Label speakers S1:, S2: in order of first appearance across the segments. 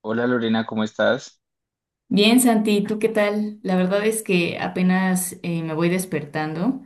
S1: Hola Lorena, ¿cómo estás?
S2: Bien, Santi, ¿tú qué tal? La verdad es que apenas me voy despertando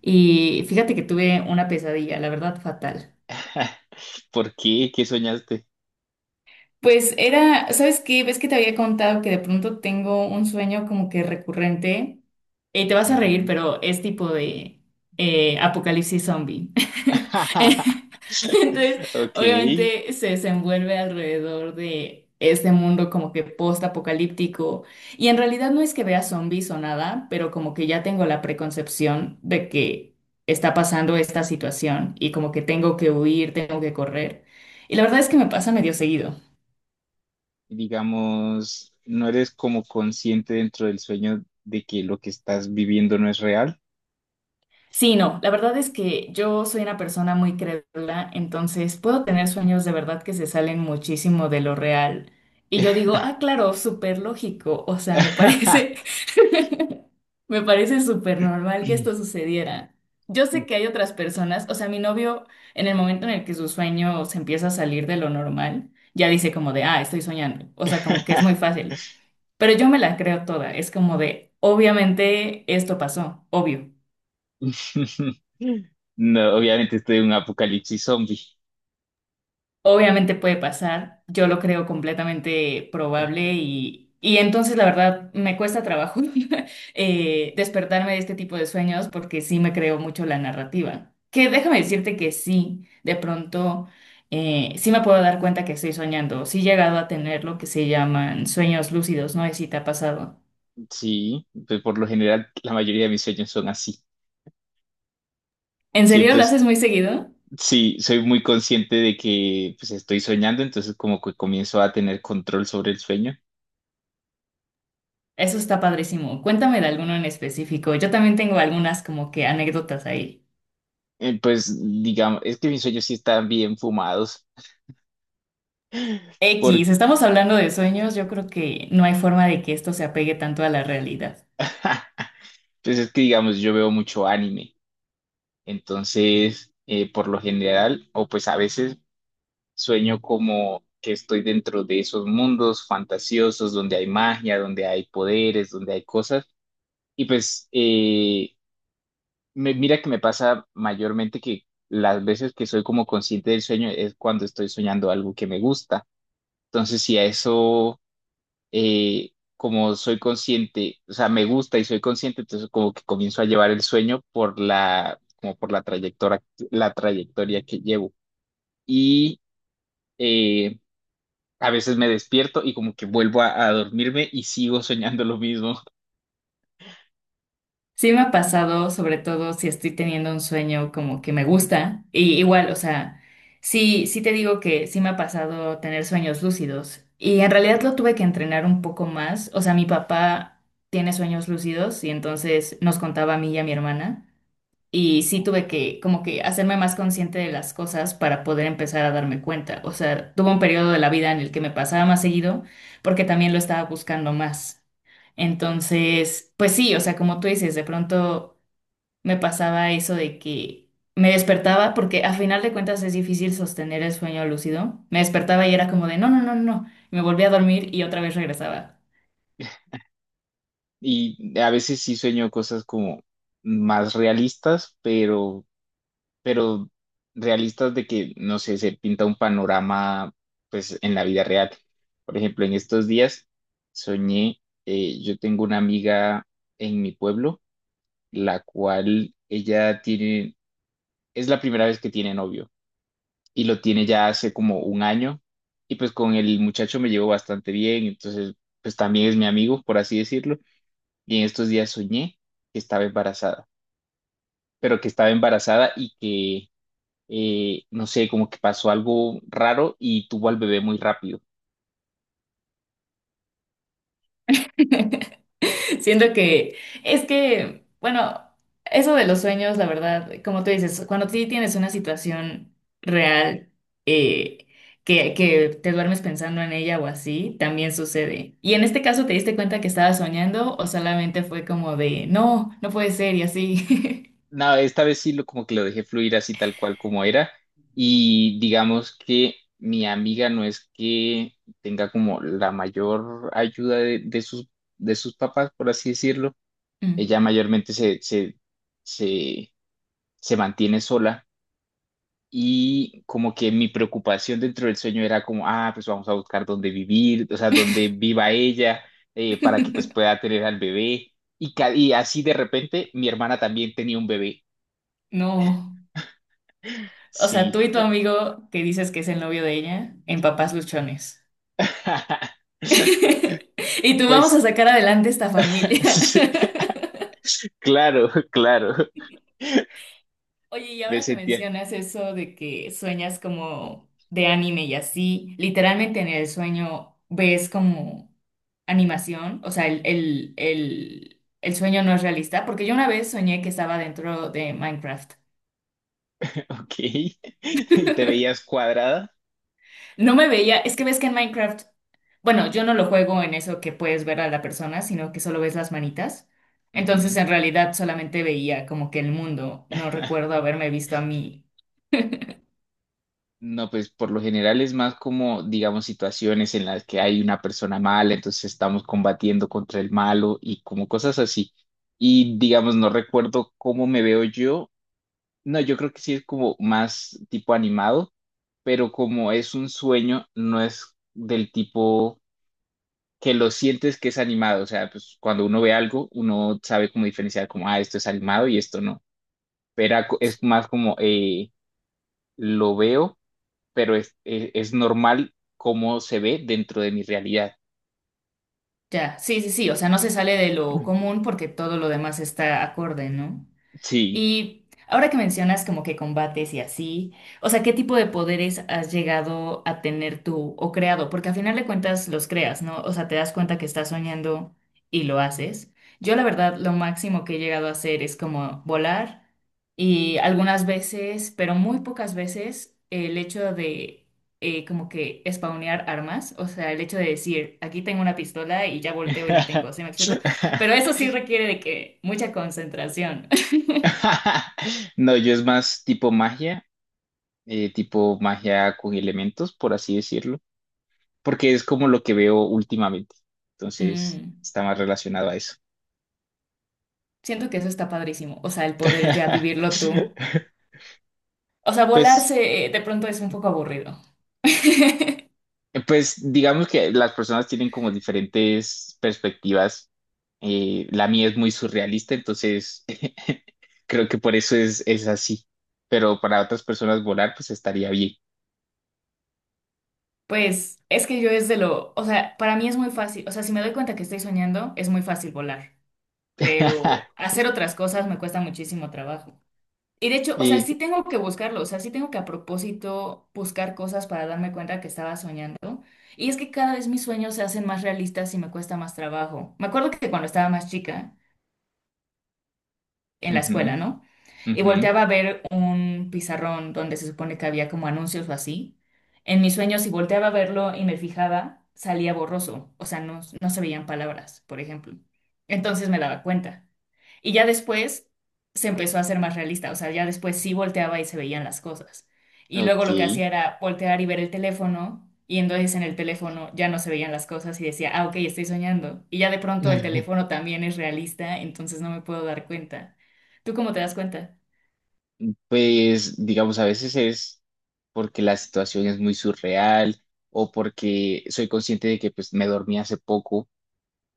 S2: y fíjate que tuve una pesadilla, la verdad fatal.
S1: ¿Por qué? ¿Qué soñaste?
S2: Pues era, ¿sabes qué? ¿Ves que te había contado que de pronto tengo un sueño como que recurrente? Te vas a reír,
S1: Ujú.
S2: pero es tipo de apocalipsis zombie. Entonces,
S1: Ok,
S2: obviamente se desenvuelve alrededor de este mundo como que post-apocalíptico. Y en realidad no es que vea zombies o nada, pero como que ya tengo la preconcepción de que está pasando esta situación y como que tengo que huir, tengo que correr. Y la verdad es que me pasa medio seguido.
S1: digamos, no eres como consciente dentro del sueño de que lo que estás viviendo no es real.
S2: Sí, no, la verdad es que yo soy una persona muy crédula, entonces puedo tener sueños de verdad que se salen muchísimo de lo real. Y yo digo, ah, claro, súper lógico, o sea, me parece, me parece súper normal que esto sucediera. Yo sé que hay otras personas, o sea, mi novio, en el momento en el que su sueño se empieza a salir de lo normal, ya dice como de, ah, estoy soñando, o sea, como que es muy fácil. Pero yo me la creo toda, es como de, obviamente esto pasó, obvio.
S1: No, obviamente estoy en un apocalipsis zombie.
S2: Obviamente puede pasar, yo lo creo completamente probable y entonces la verdad me cuesta trabajo despertarme de este tipo de sueños porque sí me creo mucho la narrativa. Que déjame decirte que sí, de pronto sí me puedo dar cuenta que estoy soñando, sí he llegado a tener lo que se llaman sueños lúcidos, no sé si te ha pasado.
S1: Sí, pues por lo general la mayoría de mis sueños son así.
S2: ¿En serio
S1: Siempre
S2: lo haces
S1: es...
S2: muy seguido?
S1: Sí, soy muy consciente de que pues estoy soñando, entonces como que comienzo a tener control sobre el sueño.
S2: Eso está padrísimo. Cuéntame de alguno en específico. Yo también tengo algunas como que anécdotas ahí.
S1: Pues digamos, es que mis sueños sí están bien fumados, porque
S2: X, estamos hablando de sueños, yo creo que no hay forma de que esto se apegue tanto a la realidad.
S1: pues es que digamos, yo veo mucho anime, entonces por lo general, o pues a veces sueño como que estoy dentro de esos mundos fantasiosos donde hay magia, donde hay poderes, donde hay cosas, y pues mira que me pasa mayormente que las veces que soy como consciente del sueño es cuando estoy soñando algo que me gusta. Entonces, si a eso, como soy consciente, o sea, me gusta y soy consciente, entonces como que comienzo a llevar el sueño por la, como por la trayectoria que llevo. Y eh, a veces me despierto y como que vuelvo a dormirme y sigo soñando lo mismo.
S2: Sí me ha pasado, sobre todo si estoy teniendo un sueño como que me gusta, y igual, o sea, sí, sí te digo que sí me ha pasado tener sueños lúcidos, y en realidad lo tuve que entrenar un poco más, o sea, mi papá tiene sueños lúcidos y entonces nos contaba a mí y a mi hermana. Y sí tuve que como que hacerme más consciente de las cosas para poder empezar a darme cuenta. O sea, tuve un periodo de la vida en el que me pasaba más seguido porque también lo estaba buscando más. Entonces, pues sí, o sea, como tú dices, de pronto me pasaba eso de que me despertaba porque a final de cuentas es difícil sostener el sueño lúcido. Me despertaba y era como de no, no, no, no. no". Y me volvía a dormir y otra vez regresaba.
S1: Y a veces sí sueño cosas como más realistas, pero realistas de que, no sé, se pinta un panorama, pues, en la vida real. Por ejemplo, en estos días soñé, yo tengo una amiga en mi pueblo, la cual ella tiene, es la primera vez que tiene novio y lo tiene ya hace como un año y pues con el muchacho me llevo bastante bien, entonces, pues también es mi amigo, por así decirlo, y en estos días soñé que estaba embarazada, pero que estaba embarazada y no sé, como que pasó algo raro y tuvo al bebé muy rápido.
S2: Siento que es que, bueno, eso de los sueños, la verdad, como tú dices, cuando sí tienes una situación real eh, que te duermes pensando en ella o así, también sucede. Y en este caso, ¿te diste cuenta que estabas soñando o solamente fue como de, no, no puede ser y así?
S1: Nada, esta vez sí lo, como que lo dejé fluir así tal cual como era y digamos que mi amiga no es que tenga como la mayor ayuda de sus papás, por así decirlo.
S2: Mm.
S1: Ella mayormente se, se mantiene sola. Y como que mi preocupación dentro del sueño era como, ah, pues vamos a buscar dónde vivir, o sea, dónde viva ella, para que pues pueda tener al bebé. Y, y así de repente mi hermana también tenía un bebé.
S2: No. O sea, tú
S1: Sí.
S2: y tu amigo que dices que es el novio de ella, en Papás Luchones. Y tú vamos a
S1: Pues,
S2: sacar adelante esta familia.
S1: sí. Claro, claro.
S2: Oye, y
S1: Me
S2: ahora que
S1: sentía,
S2: mencionas eso de que sueñas como de anime y así, literalmente en el sueño ves como animación, o sea, el sueño no es realista, porque yo una vez soñé que estaba dentro de Minecraft.
S1: ok. Y te veías cuadrada.
S2: No me veía, es que ves que en Minecraft, bueno, yo no lo juego en eso que puedes ver a la persona, sino que solo ves las manitas. Entonces,
S1: Ujú.
S2: en realidad solamente veía como que el mundo, no recuerdo haberme visto a mí.
S1: No, pues por lo general es más como, digamos, situaciones en las que hay una persona mala, entonces estamos combatiendo contra el malo y como cosas así. Y digamos, no recuerdo cómo me veo yo. No, yo creo que sí es como más tipo animado, pero como es un sueño, no es del tipo que lo sientes que es animado. O sea, pues cuando uno ve algo, uno sabe cómo diferenciar como, ah, esto es animado y esto no. Pero es más como, lo veo pero es normal cómo se ve dentro de mi realidad.
S2: Ya, sí, sí, sí, o sea, no se sale de lo común porque todo lo demás está acorde, ¿no?
S1: Sí.
S2: Y ahora que mencionas como que combates y así, o sea, ¿qué tipo de poderes has llegado a tener tú o creado? Porque al final de cuentas los creas, ¿no? O sea, te das cuenta que estás soñando y lo haces. Yo la verdad lo máximo que he llegado a hacer es como volar y algunas veces, pero muy pocas veces, el hecho de como que spawnear armas, o sea, el hecho de decir, aquí tengo una pistola y ya volteo y la tengo, ¿sí me explico? Pero eso sí requiere de que mucha concentración.
S1: No, yo es más tipo magia con elementos, por así decirlo, porque es como lo que veo últimamente. Entonces,
S2: Mm.
S1: está más relacionado a eso.
S2: Siento que eso está padrísimo. O sea, el poder ya vivirlo tú. O sea,
S1: Pues...
S2: volarse de pronto es un poco aburrido.
S1: Pues digamos que las personas tienen como diferentes perspectivas. La mía es muy surrealista, entonces creo que por eso es así. Pero para otras personas volar, pues estaría bien.
S2: Pues es que yo es de lo, o sea, para mí es muy fácil, o sea, si me doy cuenta que estoy soñando, es muy fácil volar, pero hacer otras cosas me cuesta muchísimo trabajo. Y de hecho, o sea,
S1: Y,
S2: sí tengo que buscarlo, o sea, sí tengo que a propósito buscar cosas para darme cuenta que estaba soñando. Y es que cada vez mis sueños se hacen más realistas y me cuesta más trabajo. Me acuerdo que cuando estaba más chica, en la
S1: ujú,
S2: escuela, ¿no? Y
S1: ujú,
S2: volteaba a ver un pizarrón donde se supone que había como anuncios o así. En mis sueños, si volteaba a verlo y me fijaba, salía borroso, o sea, no, no se veían palabras, por ejemplo. Entonces me daba cuenta. Y ya después se empezó a hacer más realista, o sea, ya después sí volteaba y se veían las cosas. Y luego
S1: ok.
S2: lo que hacía era voltear y ver el teléfono, y entonces en el teléfono ya no se veían las cosas y decía, ah, ok, estoy soñando. Y ya de pronto el teléfono también es realista, entonces no me puedo dar cuenta. ¿Tú cómo te das cuenta?
S1: Pues digamos, a veces es porque la situación es muy surreal o porque soy consciente de que pues me dormí hace poco,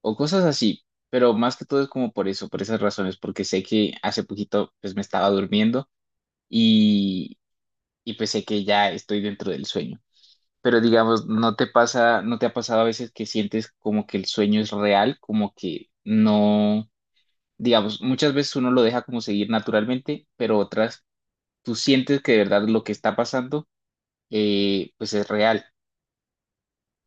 S1: o cosas así, pero más que todo es como por eso, por esas razones, porque sé que hace poquito pues me estaba durmiendo y, y pues sé que ya estoy dentro del sueño. Pero digamos, ¿no te pasa, no te ha pasado a veces que sientes como que el sueño es real, como que no, digamos, muchas veces uno lo deja como seguir naturalmente, pero otras tú sientes que de verdad lo que está pasando pues es real?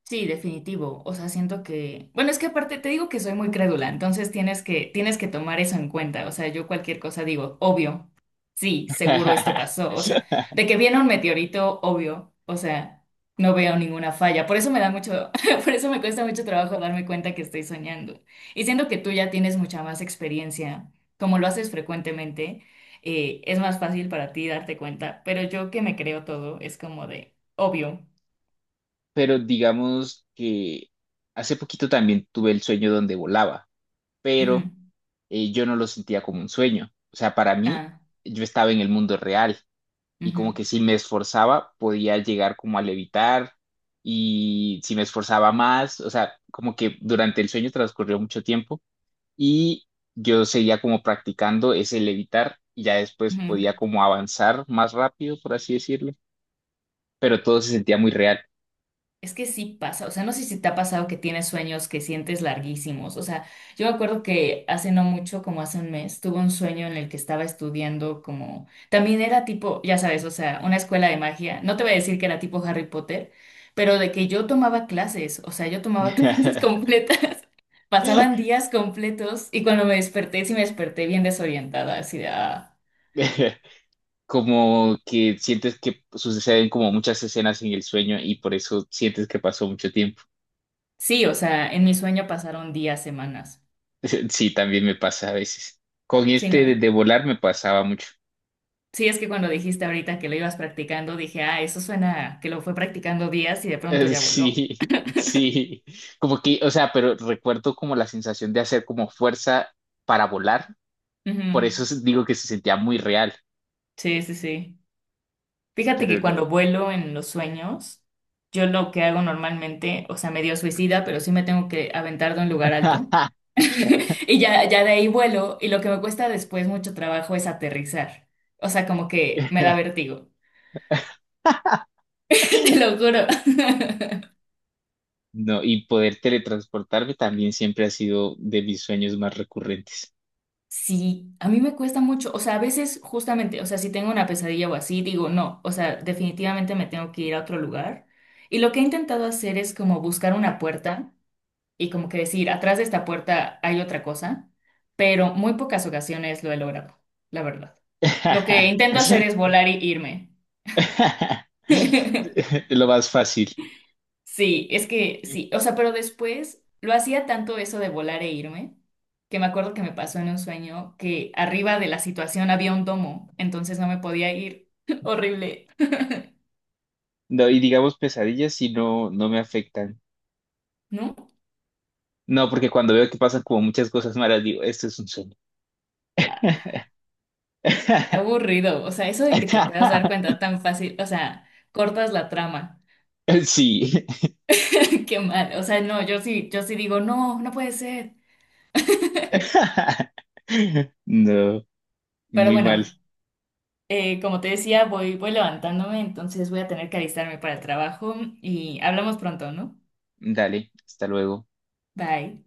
S2: Sí, definitivo. O sea, siento que, bueno, es que aparte te digo que soy muy crédula, entonces tienes que tomar eso en cuenta. O sea, yo cualquier cosa digo, obvio, sí, seguro esto pasó. O sea, de que viene un meteorito, obvio. O sea, no veo ninguna falla. Por eso me da mucho, por eso me cuesta mucho trabajo darme cuenta que estoy soñando. Y siento que tú ya tienes mucha más experiencia, como lo haces frecuentemente, es más fácil para ti darte cuenta. Pero yo que me creo todo, es como de, obvio.
S1: Pero digamos que hace poquito también tuve el sueño donde volaba,
S2: Ujú.
S1: pero yo no lo sentía como un sueño. O sea, para mí,
S2: Ah.
S1: yo estaba en el mundo real y
S2: Ujú,
S1: como que si me esforzaba, podía llegar como a levitar, y si me esforzaba más, o sea, como que durante el sueño transcurrió mucho tiempo y yo seguía como practicando ese levitar y ya después podía
S2: ujú.
S1: como avanzar más rápido, por así decirlo, pero todo se sentía muy real.
S2: Es que sí pasa, o sea, no sé si te ha pasado que tienes sueños que sientes larguísimos, o sea, yo me acuerdo que hace no mucho, como hace un mes, tuve un sueño en el que estaba estudiando como, también era tipo, ya sabes, o sea, una escuela de magia, no te voy a decir que era tipo Harry Potter, pero de que yo tomaba clases, o sea, yo tomaba clases completas, pasaban días completos y cuando me desperté, sí me desperté bien desorientada, así de, ah.
S1: Como que sientes que suceden como muchas escenas en el sueño y por eso sientes que pasó mucho tiempo.
S2: Sí, o sea, en mi sueño pasaron días, semanas,
S1: Sí, también me pasa a veces. Con
S2: sí,
S1: este
S2: ¿no?
S1: de volar me pasaba mucho.
S2: Sí, es que cuando dijiste ahorita que lo ibas practicando, dije, ah, eso suena que lo fue practicando días y de pronto ya voló.
S1: Sí, sí. Como que, o sea, pero recuerdo como la sensación de hacer como fuerza para volar.
S2: Ujú.
S1: Por eso digo que se sentía muy real,
S2: Sí, sí, sí. Fíjate
S1: pero
S2: que
S1: no.
S2: cuando vuelo en los sueños, yo lo que hago normalmente, o sea, medio suicida, pero sí me tengo que aventar de un lugar alto. Y ya de ahí vuelo y lo que me cuesta después mucho trabajo es aterrizar. O sea, como que me da vértigo. Te lo juro.
S1: No, y poder teletransportarme también siempre ha sido de mis sueños más recurrentes.
S2: Sí, a mí me cuesta mucho, o sea, a veces justamente, o sea, si tengo una pesadilla o así, digo, no, o sea, definitivamente me tengo que ir a otro lugar. Y lo que he intentado hacer es como buscar una puerta y como que decir, atrás de esta puerta hay otra cosa, pero muy pocas ocasiones lo he logrado, la verdad. Lo que intento hacer es volar y irme.
S1: Lo más fácil.
S2: Sí, es que sí, o sea, pero después lo hacía tanto eso de volar e irme, que me acuerdo que me pasó en un sueño que arriba de la situación había un domo, entonces no me podía ir. Horrible,
S1: No, y digamos pesadillas si no, no me afectan.
S2: ¿no?
S1: No, porque cuando veo que pasan como muchas cosas malas, digo, esto es un sueño.
S2: Ah, qué aburrido, o sea, eso de que te puedas dar cuenta tan fácil, o sea, cortas la trama,
S1: Sí.
S2: qué mal, o sea, no, yo sí, yo sí digo, no, no puede ser.
S1: No,
S2: Pero
S1: muy mal.
S2: bueno, como te decía, voy levantándome, entonces voy a tener que alistarme para el trabajo y hablamos pronto, ¿no?
S1: Dale, hasta luego.
S2: Bye.